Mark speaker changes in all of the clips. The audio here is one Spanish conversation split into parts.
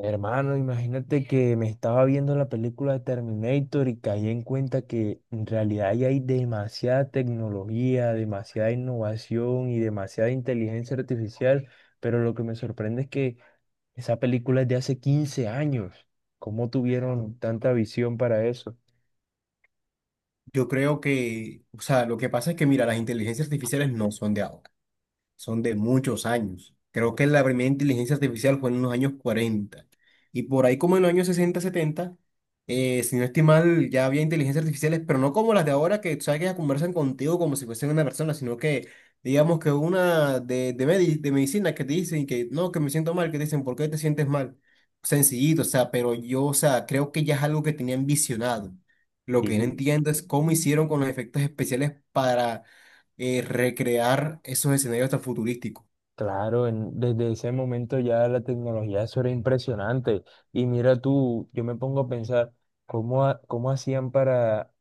Speaker 1: Hermano, imagínate que me estaba viendo la película de Terminator y caí en cuenta que en realidad ya hay demasiada tecnología, demasiada innovación y demasiada inteligencia artificial, pero lo que me sorprende es que esa película es de hace 15 años. ¿Cómo tuvieron tanta visión para eso?
Speaker 2: Yo creo que, o sea, lo que pasa es que, mira, las inteligencias artificiales no son de ahora, son de muchos años. Creo que la primera inteligencia artificial fue en los años 40, y por ahí como en los años 60 70, si no estoy mal, ya había inteligencias artificiales, pero no como las de ahora que, tú sabes, que ya conversan contigo como si fuesen una persona, sino que digamos que una de medicina que te dicen que no, que me siento mal, que te dicen, ¿por qué te sientes mal? Sencillito, o sea, pero yo, o sea, creo que ya es algo que tenían visionado. Lo que no
Speaker 1: Sí.
Speaker 2: entiendo es cómo hicieron con los efectos especiales para recrear esos escenarios tan futurísticos.
Speaker 1: Claro, desde ese momento ya la tecnología eso era impresionante. Y mira tú, yo me pongo a pensar cómo, cómo hacían para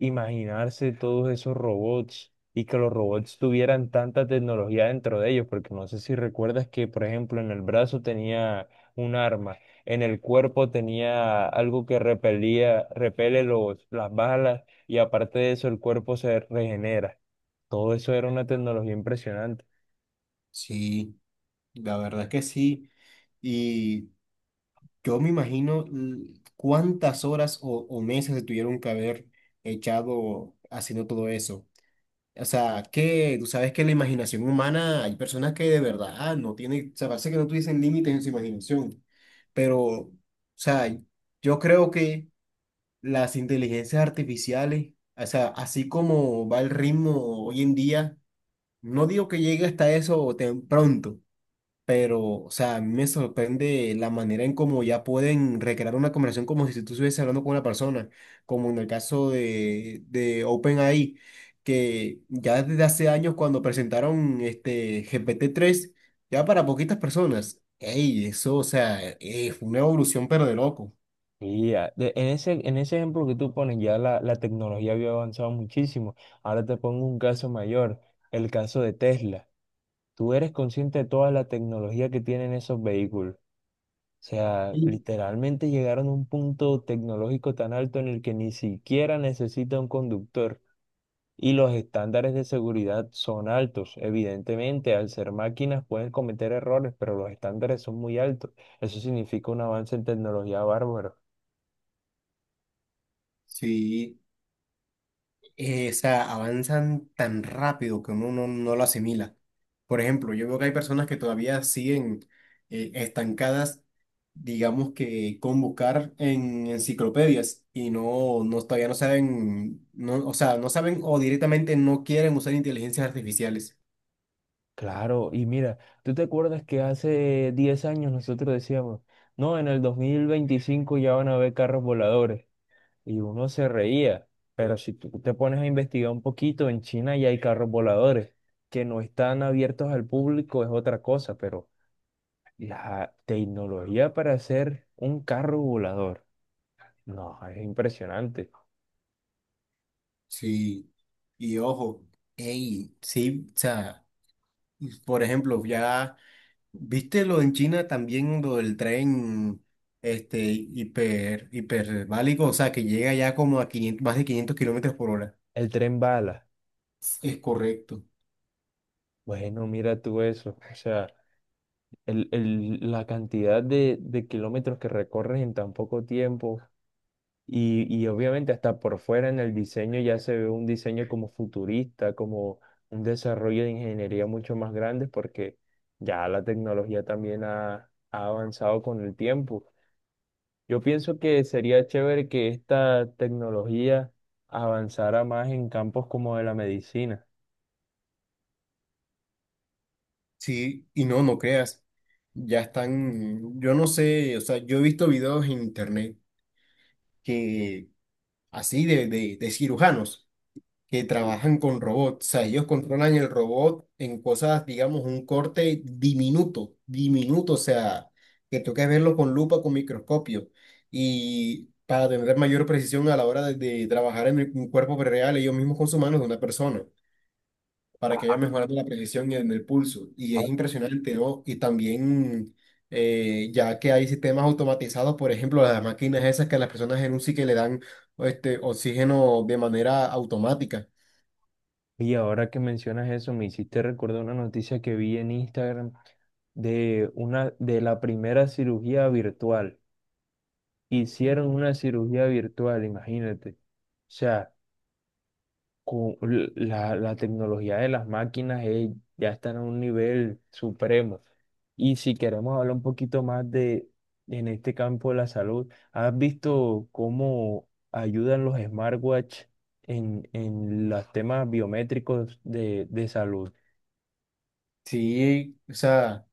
Speaker 1: imaginarse todos esos robots y que los robots tuvieran tanta tecnología dentro de ellos, porque no sé si recuerdas que, por ejemplo, en el brazo tenía un arma, en el cuerpo tenía algo que repelía, repele las balas y aparte de eso el cuerpo se regenera. Todo eso era una tecnología impresionante.
Speaker 2: Sí, la verdad es que sí. Y yo me imagino cuántas horas o meses se tuvieron que haber echado haciendo todo eso. O sea, que tú sabes que la imaginación humana, hay personas que de verdad no tienen, o sea, parece que no tuviesen límites en su imaginación. Pero, o sea, yo creo que las inteligencias artificiales, o sea, así como va el ritmo hoy en día, no digo que llegue hasta eso tan pronto, pero, o sea, a mí me sorprende la manera en cómo ya pueden recrear una conversación como si tú estuvieses hablando con una persona, como en el caso de OpenAI, que ya desde hace años cuando presentaron este GPT-3 ya para poquitas personas. Ey, eso, o sea, fue una evolución pero de loco.
Speaker 1: En ese ejemplo que tú pones, ya la tecnología había avanzado muchísimo. Ahora te pongo un caso mayor, el caso de Tesla. Tú eres consciente de toda la tecnología que tienen esos vehículos. O sea,
Speaker 2: Mm.
Speaker 1: literalmente llegaron a un punto tecnológico tan alto en el que ni siquiera necesita un conductor. Y los estándares de seguridad son altos. Evidentemente, al ser máquinas pueden cometer errores, pero los estándares son muy altos. Eso significa un avance en tecnología bárbaro.
Speaker 2: Sí, o sea, avanzan tan rápido que uno no, no lo asimila. Por ejemplo, yo veo que hay personas que todavía siguen estancadas, digamos que con buscar en enciclopedias y no, no todavía no saben, no, o sea, no saben o directamente no quieren usar inteligencias artificiales.
Speaker 1: Claro, y mira, ¿tú te acuerdas que hace 10 años nosotros decíamos, no, en el 2025 ya van a haber carros voladores? Y uno se reía. Pero si tú te pones a investigar un poquito, en China ya hay carros voladores que no están abiertos al público, es otra cosa, pero la tecnología para hacer un carro volador, no, es impresionante.
Speaker 2: Sí. Y ojo, ey, sí, o sea, por ejemplo, ya. ¿Viste lo en China también, lo del tren este, hiperbálico? O sea, que llega ya como a 500 más de 500 kilómetros por hora.
Speaker 1: El tren bala,
Speaker 2: Es correcto.
Speaker 1: bueno, mira tú eso, o sea, la cantidad de kilómetros que recorres en tan poco tiempo. Y obviamente hasta por fuera en el diseño ya se ve un diseño como futurista, como un desarrollo de ingeniería mucho más grande porque ya la tecnología también ha, ha avanzado con el tiempo. Yo pienso que sería chévere que esta tecnología avanzara más en campos como de la medicina.
Speaker 2: Sí, y no, no creas. Ya están, yo no sé, o sea, yo he visto videos en internet que así de cirujanos que trabajan con robots. O sea, ellos controlan el robot en cosas, digamos, un corte diminuto, diminuto, o sea, que toca verlo con lupa, con microscopio. Y para tener mayor precisión a la hora de trabajar en un cuerpo real, ellos mismos con sus manos de una persona, para que haya
Speaker 1: Ah,
Speaker 2: mejorado la precisión y en el pulso. Y es impresionante, ¿no? Y también, ya que hay sistemas automatizados, por ejemplo, las máquinas esas que a las personas en un que le dan este, oxígeno de manera automática.
Speaker 1: Y ahora que mencionas eso, me hiciste recordar una noticia que vi en Instagram de una de la primera cirugía virtual. Hicieron una cirugía virtual, imagínate. O sea, con la tecnología de las máquinas ya está en un nivel supremo. Y si queremos hablar un poquito más de, en este campo de la salud, ¿has visto cómo ayudan los smartwatch en los temas biométricos de salud?
Speaker 2: Sí, o sea,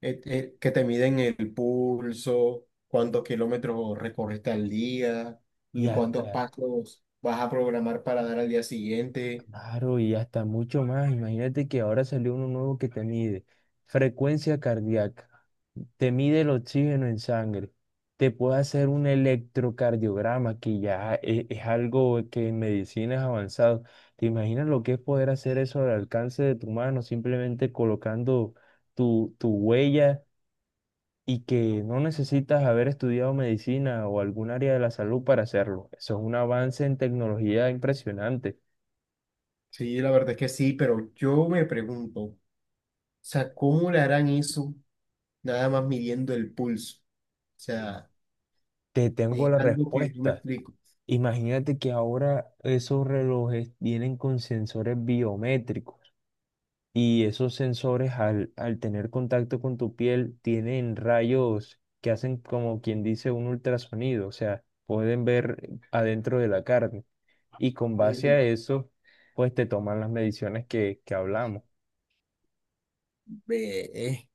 Speaker 2: que te miden el pulso, cuántos kilómetros recorriste al día,
Speaker 1: Y
Speaker 2: y cuántos
Speaker 1: hasta
Speaker 2: pasos vas a programar para dar al día siguiente.
Speaker 1: Claro, y hasta mucho más. Imagínate que ahora salió uno nuevo que te mide frecuencia cardíaca, te mide el oxígeno en sangre, te puede hacer un electrocardiograma, que ya es algo que en medicina es avanzado. ¿Te imaginas lo que es poder hacer eso al alcance de tu mano, simplemente colocando tu huella y que no necesitas haber estudiado medicina o algún área de la salud para hacerlo? Eso es un avance en tecnología impresionante.
Speaker 2: Sí, la verdad es que sí, pero yo me pregunto, o sea, ¿cómo le harán eso nada más midiendo el pulso? O sea,
Speaker 1: Te tengo
Speaker 2: es
Speaker 1: la
Speaker 2: algo que yo me
Speaker 1: respuesta.
Speaker 2: explico.
Speaker 1: Imagínate que ahora esos relojes vienen con sensores biométricos y esos sensores al tener contacto con tu piel tienen rayos que hacen como quien dice un ultrasonido, o sea, pueden ver adentro de la carne y con base
Speaker 2: Ujú.
Speaker 1: a eso, pues te toman las mediciones que hablamos.
Speaker 2: Ve,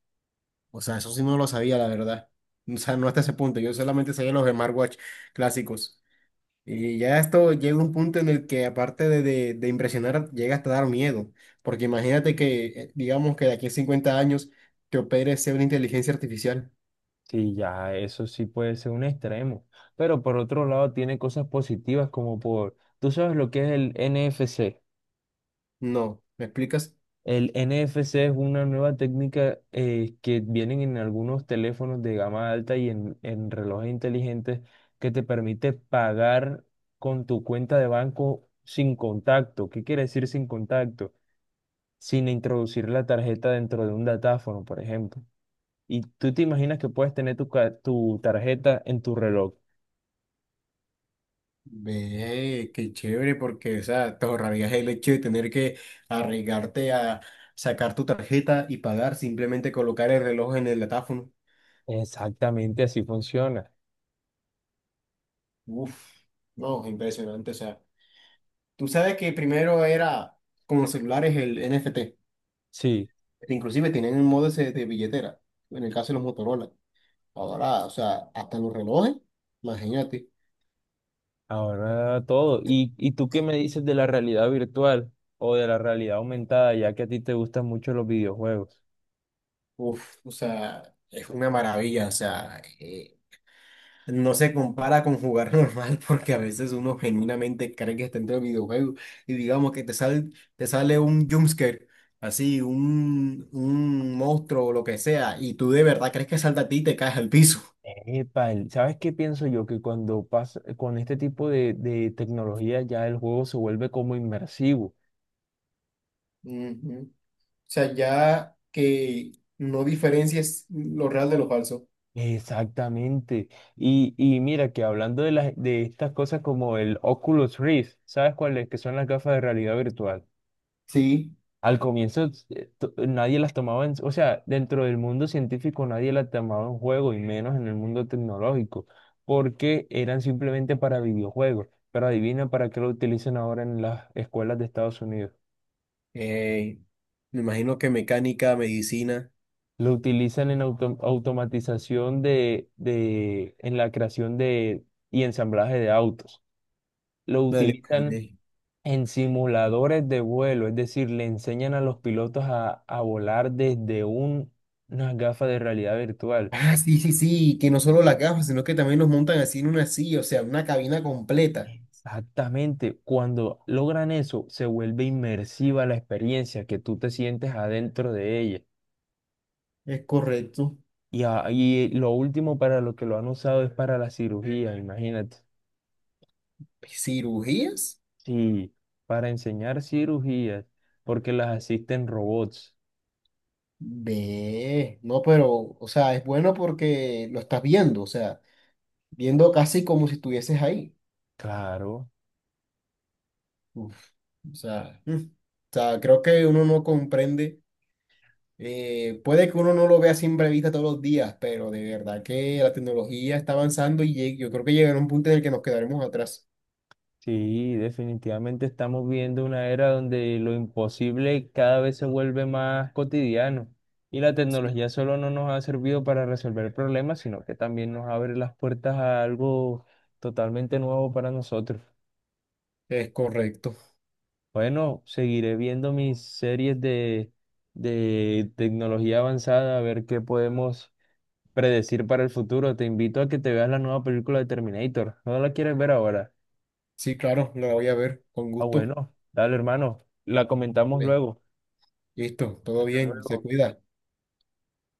Speaker 2: o sea, eso sí no lo sabía, la verdad. O sea, no hasta ese punto, yo solamente sabía los smartwatch clásicos. Y ya esto llega a un punto en el que aparte de impresionar, llega hasta dar miedo, porque imagínate que, digamos que de aquí a 50 años te opere sea una inteligencia artificial.
Speaker 1: Sí, ya eso sí puede ser un extremo, pero por otro lado tiene cosas positivas como por, tú sabes lo que es el NFC.
Speaker 2: No, ¿me explicas?
Speaker 1: El NFC es una nueva técnica que vienen en algunos teléfonos de gama alta y en relojes inteligentes que te permite pagar con tu cuenta de banco sin contacto. ¿Qué quiere decir sin contacto? Sin introducir la tarjeta dentro de un datáfono, por ejemplo. Y tú te imaginas que puedes tener tu, tu tarjeta en tu reloj.
Speaker 2: Ve, qué chévere, porque, o sea, te ahorrarías el hecho de tener que arriesgarte a sacar tu tarjeta y pagar, simplemente colocar el reloj en el datáfono.
Speaker 1: Exactamente así funciona.
Speaker 2: Uf, no, impresionante, o sea, tú sabes que primero era con los celulares el NFT.
Speaker 1: Sí.
Speaker 2: Inclusive tienen un modo ese de billetera, en el caso de los Motorola. Ahora, o sea, hasta los relojes, imagínate.
Speaker 1: Ahora todo. Y tú qué me dices de la realidad virtual o de la realidad aumentada, ya que a ti te gustan mucho los videojuegos?
Speaker 2: Uf, o sea, es una maravilla, o sea, no se compara con jugar normal porque a veces uno genuinamente cree que está dentro del videojuego, y digamos que te sale, un jumpscare, así, un monstruo o lo que sea, y tú de verdad crees que salta a ti y te caes al piso.
Speaker 1: Epa, el- ¿sabes qué pienso yo? Que cuando pasa con este tipo de tecnología ya el juego se vuelve como inmersivo.
Speaker 2: Ujú. O sea, ya que no diferencias lo real de lo falso.
Speaker 1: Exactamente. Y mira que hablando de las de estas cosas como el Oculus Rift, ¿sabes cuáles que son las gafas de realidad virtual?
Speaker 2: Sí,
Speaker 1: Al comienzo nadie las tomaba en, o sea, dentro del mundo científico nadie las tomaba en juego y menos en el mundo tecnológico, porque eran simplemente para videojuegos. Pero adivina para qué lo utilizan ahora en las escuelas de Estados Unidos.
Speaker 2: Eh, me imagino que mecánica, medicina,
Speaker 1: Lo utilizan en automatización de, en la creación de y ensamblaje de autos. Lo
Speaker 2: me lo
Speaker 1: utilizan
Speaker 2: imaginé.
Speaker 1: en simuladores de vuelo, es decir, le enseñan a los pilotos a volar desde unas gafas de realidad virtual.
Speaker 2: Ah, sí, sí, sí, que no solo las gafas, sino que también nos montan así en una silla, o sea, una cabina completa.
Speaker 1: Exactamente, cuando logran eso, se vuelve inmersiva la experiencia, que tú te sientes adentro de ella.
Speaker 2: Es correcto.
Speaker 1: Y, y lo último para lo que lo han usado es para la cirugía, imagínate.
Speaker 2: ¿Cirugías?
Speaker 1: Sí, para enseñar cirugías, porque las asisten robots.
Speaker 2: Ve, no, pero, o sea, es bueno porque lo estás viendo, o sea, viendo casi como si estuvieses ahí.
Speaker 1: Claro.
Speaker 2: Uf, o sea, o sea, creo que uno no comprende. Puede que uno no lo vea a simple vista todos los días, pero de verdad que la tecnología está avanzando y yo creo que llegará un punto en el que nos quedaremos atrás.
Speaker 1: Sí, definitivamente estamos viendo una era donde lo imposible cada vez se vuelve más cotidiano y la
Speaker 2: Sí,
Speaker 1: tecnología solo no nos ha servido para resolver problemas, sino que también nos abre las puertas a algo totalmente nuevo para nosotros.
Speaker 2: es correcto.
Speaker 1: Bueno, seguiré viendo mis series de tecnología avanzada a ver qué podemos predecir para el futuro. Te invito a que te veas la nueva película de Terminator. ¿No la quieres ver ahora?
Speaker 2: Sí, claro, la voy a ver con
Speaker 1: Ah,
Speaker 2: gusto.
Speaker 1: bueno, dale hermano, la comentamos
Speaker 2: Vale,
Speaker 1: luego.
Speaker 2: listo, todo
Speaker 1: Hasta
Speaker 2: bien, se
Speaker 1: luego.
Speaker 2: cuida.